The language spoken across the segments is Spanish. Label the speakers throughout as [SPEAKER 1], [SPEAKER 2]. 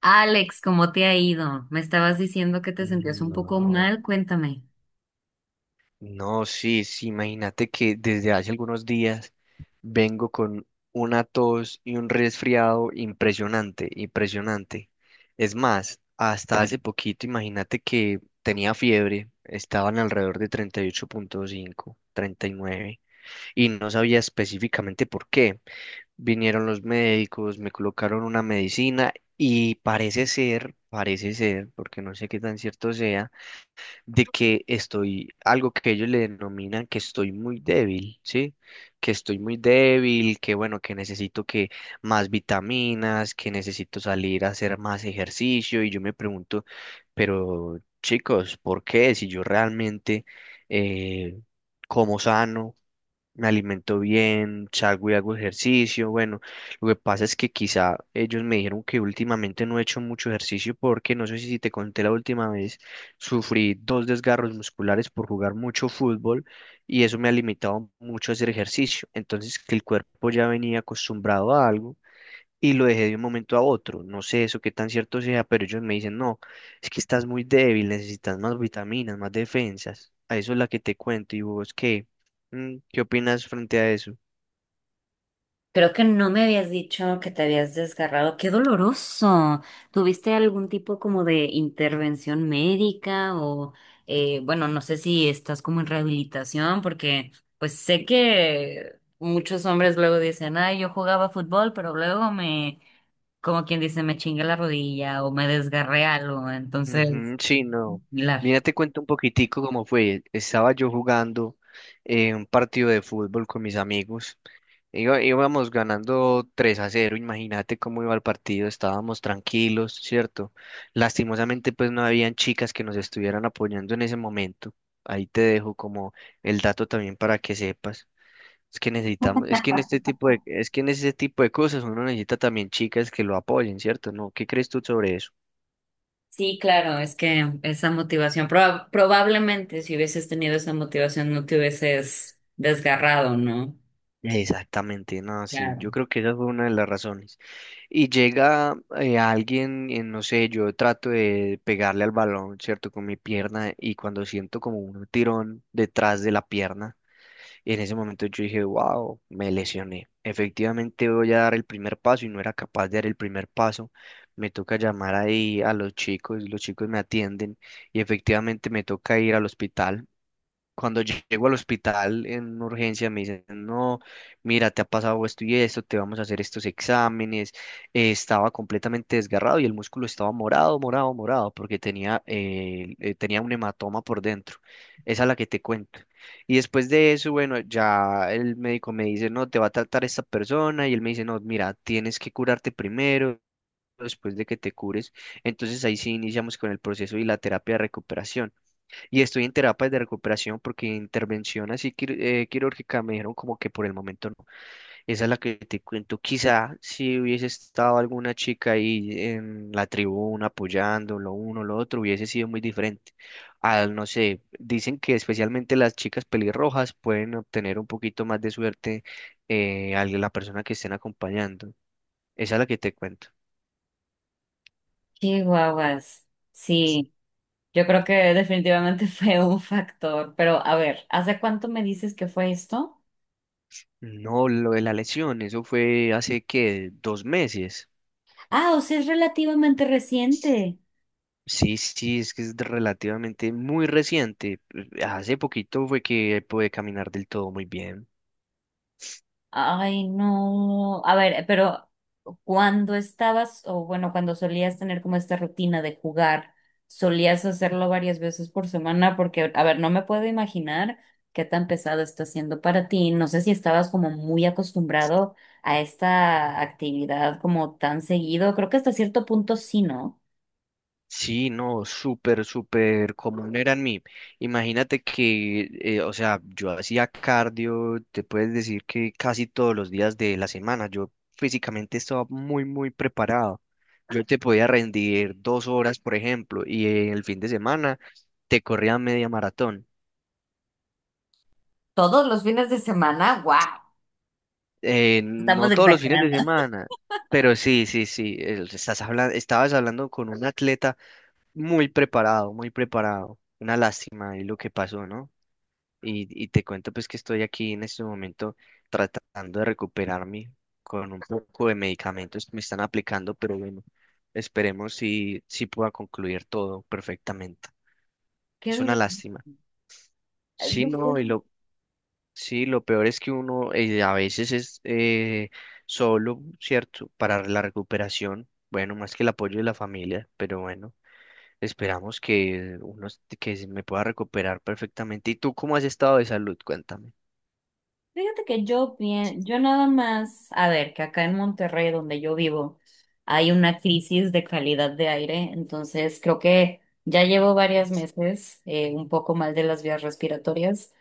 [SPEAKER 1] Alex, ¿cómo te ha ido? Me estabas diciendo que te sentías un poco
[SPEAKER 2] No,
[SPEAKER 1] mal, cuéntame.
[SPEAKER 2] no, sí, sí, imagínate que desde hace algunos días vengo con una tos y un resfriado impresionante, impresionante. Es más, hasta hace poquito, imagínate que tenía fiebre, estaban alrededor de treinta y ocho punto cinco 39 y no sabía específicamente por qué. Vinieron los médicos, me colocaron una medicina y parece ser, porque no sé qué tan cierto sea de que estoy, algo que ellos le denominan que estoy muy débil, ¿sí? Que estoy muy débil, que bueno, que necesito que más vitaminas, que necesito salir a hacer más ejercicio y yo me pregunto, pero chicos, ¿por qué? Si yo realmente eh, como sano, me alimento bien, salgo y hago ejercicio. Bueno, lo que pasa es que quizá ellos me dijeron que últimamente no he hecho mucho ejercicio porque no sé si te conté la última vez, sufrí dos desgarros musculares por jugar mucho fútbol y eso me ha limitado mucho a hacer ejercicio. Entonces, que el cuerpo ya venía acostumbrado a algo y lo dejé de un momento a otro. No sé eso qué tan cierto sea, pero ellos me dicen, no, es que estás muy débil, necesitas más vitaminas, más defensas. A eso es la que te cuento. ¿Y vos qué? ¿Qué opinas frente a eso?
[SPEAKER 1] Creo que no me habías dicho que te habías desgarrado. ¡Qué doloroso! ¿Tuviste algún tipo como de intervención médica o, bueno, no sé si estás como en rehabilitación, porque pues sé que muchos hombres luego dicen, ay, yo jugaba fútbol, pero luego me, como quien dice, me chingué la rodilla o me desgarré algo. Entonces,
[SPEAKER 2] Ujú, sí, no.
[SPEAKER 1] similar.
[SPEAKER 2] Mira, te cuento un poquitico cómo fue. Estaba yo jugando un partido de fútbol con mis amigos. Íbamos ganando 3-0, imagínate cómo iba el partido, estábamos tranquilos, ¿cierto? Lastimosamente, pues no habían chicas que nos estuvieran apoyando en ese momento. Ahí te dejo como el dato también para que sepas. Es que en este tipo de cosas uno necesita también chicas que lo apoyen, ¿cierto? ¿No? ¿Qué crees tú sobre eso?
[SPEAKER 1] Sí, claro, es que esa motivación, probablemente si hubieses tenido esa motivación no te hubieses desgarrado, ¿no?
[SPEAKER 2] Exactamente, no, sí, yo
[SPEAKER 1] Claro.
[SPEAKER 2] creo que esa fue una de las razones. Y llega alguien, no sé, yo trato de pegarle al balón, ¿cierto? Con mi pierna, y cuando siento como un tirón detrás de la pierna, en ese momento yo dije, wow, me lesioné. Efectivamente voy a dar el primer paso y no era capaz de dar el primer paso. Me toca llamar ahí a los chicos me atienden y efectivamente me toca ir al hospital. Cuando llego al hospital en urgencia me dicen, no, mira, te ha pasado esto y esto, te vamos a hacer estos exámenes. Estaba completamente desgarrado y el músculo estaba morado, morado, morado, porque tenía un hematoma por dentro. Esa es la que te cuento. Y después de eso, bueno, ya el médico me dice, no, te va a tratar esta persona, y él me dice, no, mira, tienes que curarte primero, después de que te cures. Entonces ahí sí iniciamos con el proceso y la terapia de recuperación. Y estoy en terapias de recuperación porque intervención así quirúrgica me dijeron como que por el momento no. Esa es la que te cuento. Quizá si hubiese estado alguna chica ahí en la tribuna apoyando lo uno, lo otro, hubiese sido muy diferente. No sé, dicen que especialmente las chicas pelirrojas pueden obtener un poquito más de suerte a la persona que estén acompañando. Esa es la que te cuento.
[SPEAKER 1] Qué guaguas. Sí, yo creo que definitivamente fue un factor, pero a ver, ¿hace cuánto me dices que fue esto?
[SPEAKER 2] No, lo de la lesión, eso fue hace que 2 meses.
[SPEAKER 1] Ah, o sea, es relativamente reciente.
[SPEAKER 2] Sí, sí, sí, es que es relativamente muy reciente. Hace poquito fue que pude caminar del todo muy bien.
[SPEAKER 1] Ay, no. A ver, pero cuando estabas, o bueno, cuando solías tener como esta rutina de jugar, solías hacerlo varias veces por semana, porque, a ver, no me puedo imaginar qué tan pesado está siendo para ti. No sé si estabas como muy acostumbrado a esta actividad como tan seguido. Creo que hasta cierto punto sí, ¿no?
[SPEAKER 2] Sí, no, súper, súper común era en mí. Imagínate que, o sea, yo hacía cardio, te puedes decir que casi todos los días de la semana. Yo físicamente estaba muy, muy preparado. Yo te podía rendir 2 horas, por ejemplo, y el fin de semana te corría media maratón.
[SPEAKER 1] Todos los fines de semana, wow. Estamos
[SPEAKER 2] No todos los fines de
[SPEAKER 1] exagerando.
[SPEAKER 2] semana, pero sí, sí, sí. Estabas hablando con un atleta muy preparado, muy preparado. Una lástima y lo que pasó, ¿no? Y te cuento pues que estoy aquí en este momento tratando de recuperarme con un poco de medicamentos que me están aplicando, pero bueno, esperemos si pueda concluir todo perfectamente.
[SPEAKER 1] Qué
[SPEAKER 2] Es una lástima. Sí,
[SPEAKER 1] duro.
[SPEAKER 2] no, sí, lo peor es que uno a veces es solo, ¿cierto? Para la recuperación, bueno, más que el apoyo de la familia, pero bueno, esperamos que se me pueda recuperar perfectamente. ¿Y tú cómo has estado de salud? Cuéntame.
[SPEAKER 1] Fíjate que yo bien, yo nada más, a ver, que acá en Monterrey, donde yo vivo, hay una crisis de calidad de aire, entonces creo que ya llevo varios meses un poco mal de las vías respiratorias,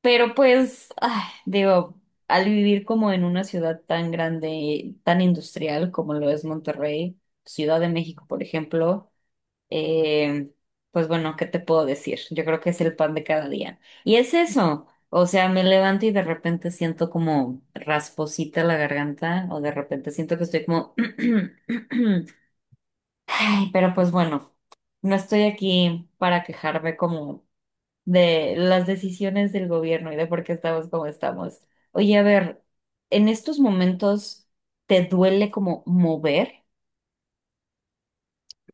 [SPEAKER 1] pero pues, ay, digo, al vivir como en una ciudad tan grande, tan industrial como lo es Monterrey, Ciudad de México, por ejemplo. Eh, pues bueno, ¿qué te puedo decir? Yo creo que es el pan de cada día. Y es eso. O sea, me levanto y de repente siento como rasposita la garganta o de repente siento que estoy como... Ay, pero pues bueno, no estoy aquí para quejarme como de las decisiones del gobierno y de por qué estamos como estamos. Oye, a ver, ¿en estos momentos te duele como mover?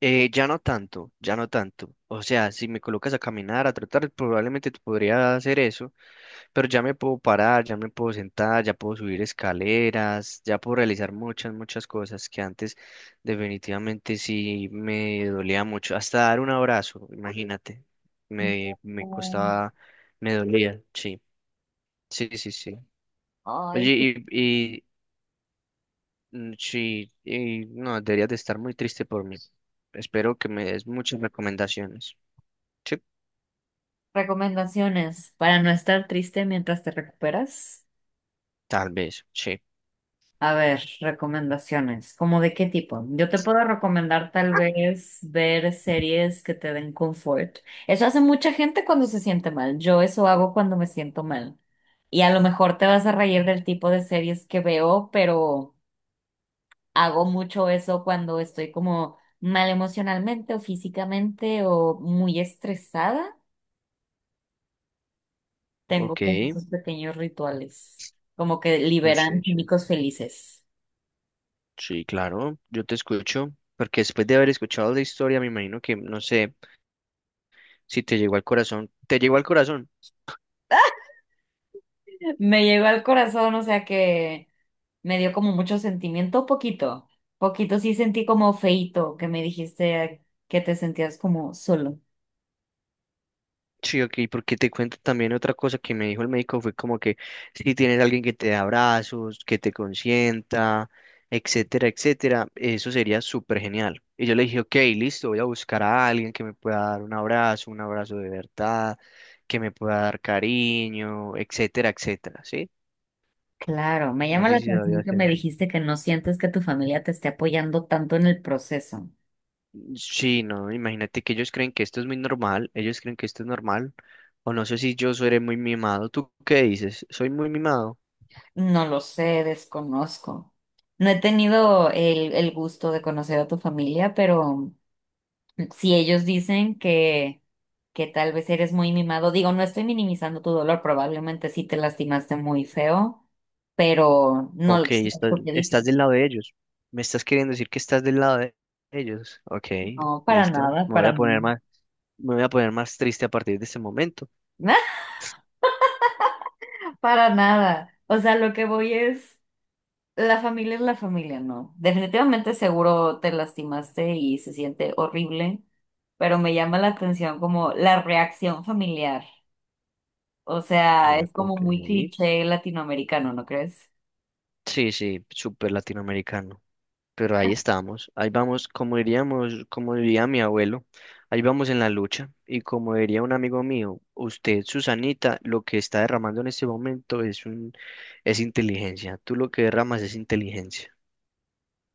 [SPEAKER 2] Ya no tanto, ya no tanto. O sea, si me colocas a caminar, a trotar, probablemente te podría hacer eso, pero ya me puedo parar, ya me puedo sentar, ya puedo subir escaleras, ya puedo realizar muchas, muchas cosas que antes definitivamente sí me dolía mucho. Hasta dar un abrazo, imagínate, me
[SPEAKER 1] No.
[SPEAKER 2] costaba, me dolía, sí, sí, sí, sí. Oye,
[SPEAKER 1] Ay,
[SPEAKER 2] y sí, y no, deberías de estar muy triste por mí. Espero que me des muchas recomendaciones. Sí,
[SPEAKER 1] recomendaciones para no estar triste mientras te recuperas.
[SPEAKER 2] tal vez, sí.
[SPEAKER 1] A ver, recomendaciones. ¿Cómo de qué tipo? Yo te puedo recomendar tal vez ver series que te den confort. Eso hace mucha gente cuando se siente mal. Yo eso hago cuando me siento mal. Y a lo mejor te vas a reír del tipo de series que veo, pero hago mucho eso cuando estoy como mal emocionalmente o físicamente o muy estresada. Tengo
[SPEAKER 2] Ok,
[SPEAKER 1] como esos pequeños rituales, como que
[SPEAKER 2] oh, sí,
[SPEAKER 1] liberan
[SPEAKER 2] sí.
[SPEAKER 1] químicos felices.
[SPEAKER 2] Sí, claro, yo te escucho, porque después de haber escuchado la historia, me imagino que, no sé, si te llegó al corazón, te llegó al corazón.
[SPEAKER 1] Me llegó al corazón, o sea que me dio como mucho sentimiento, poquito. Poquito sí sentí como feito que me dijiste que te sentías como solo.
[SPEAKER 2] Sí, ok, porque te cuento también otra cosa que me dijo el médico, fue como que si tienes alguien que te dé abrazos, que te consienta, etcétera, etcétera, eso sería súper genial. Y yo le dije, ok, listo, voy a buscar a alguien que me pueda dar un abrazo de verdad, que me pueda dar cariño, etcétera, etcétera, ¿sí?
[SPEAKER 1] Claro, me
[SPEAKER 2] No
[SPEAKER 1] llama la
[SPEAKER 2] sé si se debe
[SPEAKER 1] atención que
[SPEAKER 2] hacer.
[SPEAKER 1] me dijiste que no sientes que tu familia te esté apoyando tanto en el proceso.
[SPEAKER 2] Sí, no, imagínate que ellos creen que esto es muy normal, ellos creen que esto es normal, o no sé si yo soy muy mimado. ¿Tú qué dices? ¿Soy muy mimado?
[SPEAKER 1] No lo sé, desconozco. No he tenido el gusto de conocer a tu familia, pero si ellos dicen que tal vez eres muy mimado, digo, no estoy minimizando tu dolor, probablemente sí te lastimaste muy feo, pero no
[SPEAKER 2] Ok,
[SPEAKER 1] lo sé,
[SPEAKER 2] estás,
[SPEAKER 1] porque
[SPEAKER 2] estás
[SPEAKER 1] dicen,
[SPEAKER 2] del lado de ellos. ¿Me estás queriendo decir que estás del lado de ellos? Ok,
[SPEAKER 1] no,
[SPEAKER 2] listo. Me voy
[SPEAKER 1] para
[SPEAKER 2] a
[SPEAKER 1] nada,
[SPEAKER 2] poner más, me voy a poner más triste a partir de este momento.
[SPEAKER 1] para nada. O sea, lo que voy es la familia, no. Definitivamente seguro te lastimaste y se siente horrible, pero me llama la atención como la reacción familiar. O
[SPEAKER 2] Ah,
[SPEAKER 1] sea, es como
[SPEAKER 2] ok.
[SPEAKER 1] muy cliché latinoamericano, ¿no crees?
[SPEAKER 2] Sí, sí, súper latinoamericano. Pero ahí estamos, ahí vamos, como diríamos, como diría mi abuelo, ahí vamos en la lucha. Y como diría un amigo mío, usted, Susanita, lo que está derramando en este momento es un, es inteligencia. Tú lo que derramas es inteligencia.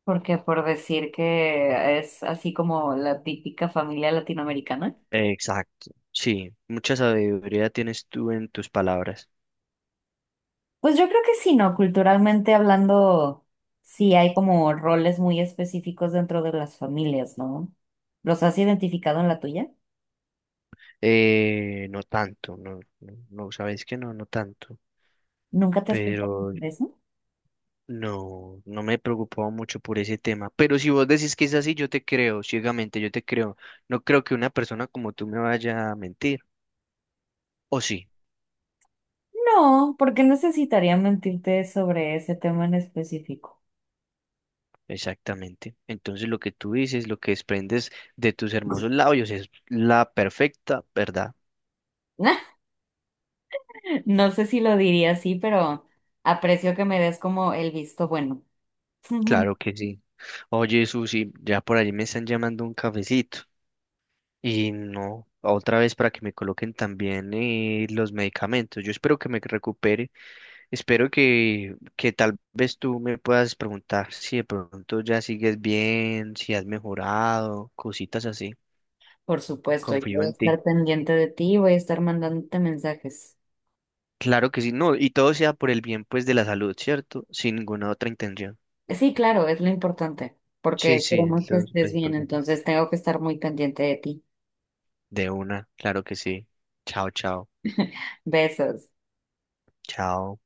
[SPEAKER 1] Porque por decir que es así como la típica familia latinoamericana.
[SPEAKER 2] Exacto. Sí, mucha sabiduría tienes tú en tus palabras.
[SPEAKER 1] Pues yo creo que sí, ¿no? Culturalmente hablando, sí hay como roles muy específicos dentro de las familias, ¿no? ¿Los has identificado en la tuya?
[SPEAKER 2] No tanto, no, no, no, sabes que no, no tanto.
[SPEAKER 1] ¿Nunca te has puesto
[SPEAKER 2] Pero
[SPEAKER 1] de eso?
[SPEAKER 2] no, me preocupaba mucho por ese tema, pero si vos decís que es así, yo te creo, ciegamente, yo te creo. No creo que una persona como tú me vaya a mentir, o sí,
[SPEAKER 1] No, porque necesitaría mentirte sobre ese tema en específico.
[SPEAKER 2] exactamente. Entonces lo que tú dices, lo que desprendes de tus hermosos labios es la perfecta verdad.
[SPEAKER 1] No sé si lo diría así, pero aprecio que me des como el visto bueno.
[SPEAKER 2] Claro que sí. Oye, Susi, ya por allí me están llamando un cafecito. Y no, otra vez para que me coloquen también los medicamentos. Yo espero que me recupere. Espero que tal vez tú me puedas preguntar si de pronto ya sigues bien, si has mejorado, cositas así.
[SPEAKER 1] Por supuesto, yo
[SPEAKER 2] Confío
[SPEAKER 1] voy a
[SPEAKER 2] en ti.
[SPEAKER 1] estar pendiente de ti y voy a estar mandándote mensajes.
[SPEAKER 2] Claro que sí, no, y todo sea por el bien pues de la salud, ¿cierto? Sin ninguna otra intención.
[SPEAKER 1] Sí, claro, es lo importante,
[SPEAKER 2] Sí,
[SPEAKER 1] porque
[SPEAKER 2] sí,
[SPEAKER 1] queremos que
[SPEAKER 2] entonces,
[SPEAKER 1] estés
[SPEAKER 2] pues,
[SPEAKER 1] bien,
[SPEAKER 2] perdón.
[SPEAKER 1] entonces tengo que estar muy pendiente de ti.
[SPEAKER 2] De una, claro que sí. Chao, chao.
[SPEAKER 1] Besos.
[SPEAKER 2] Chao.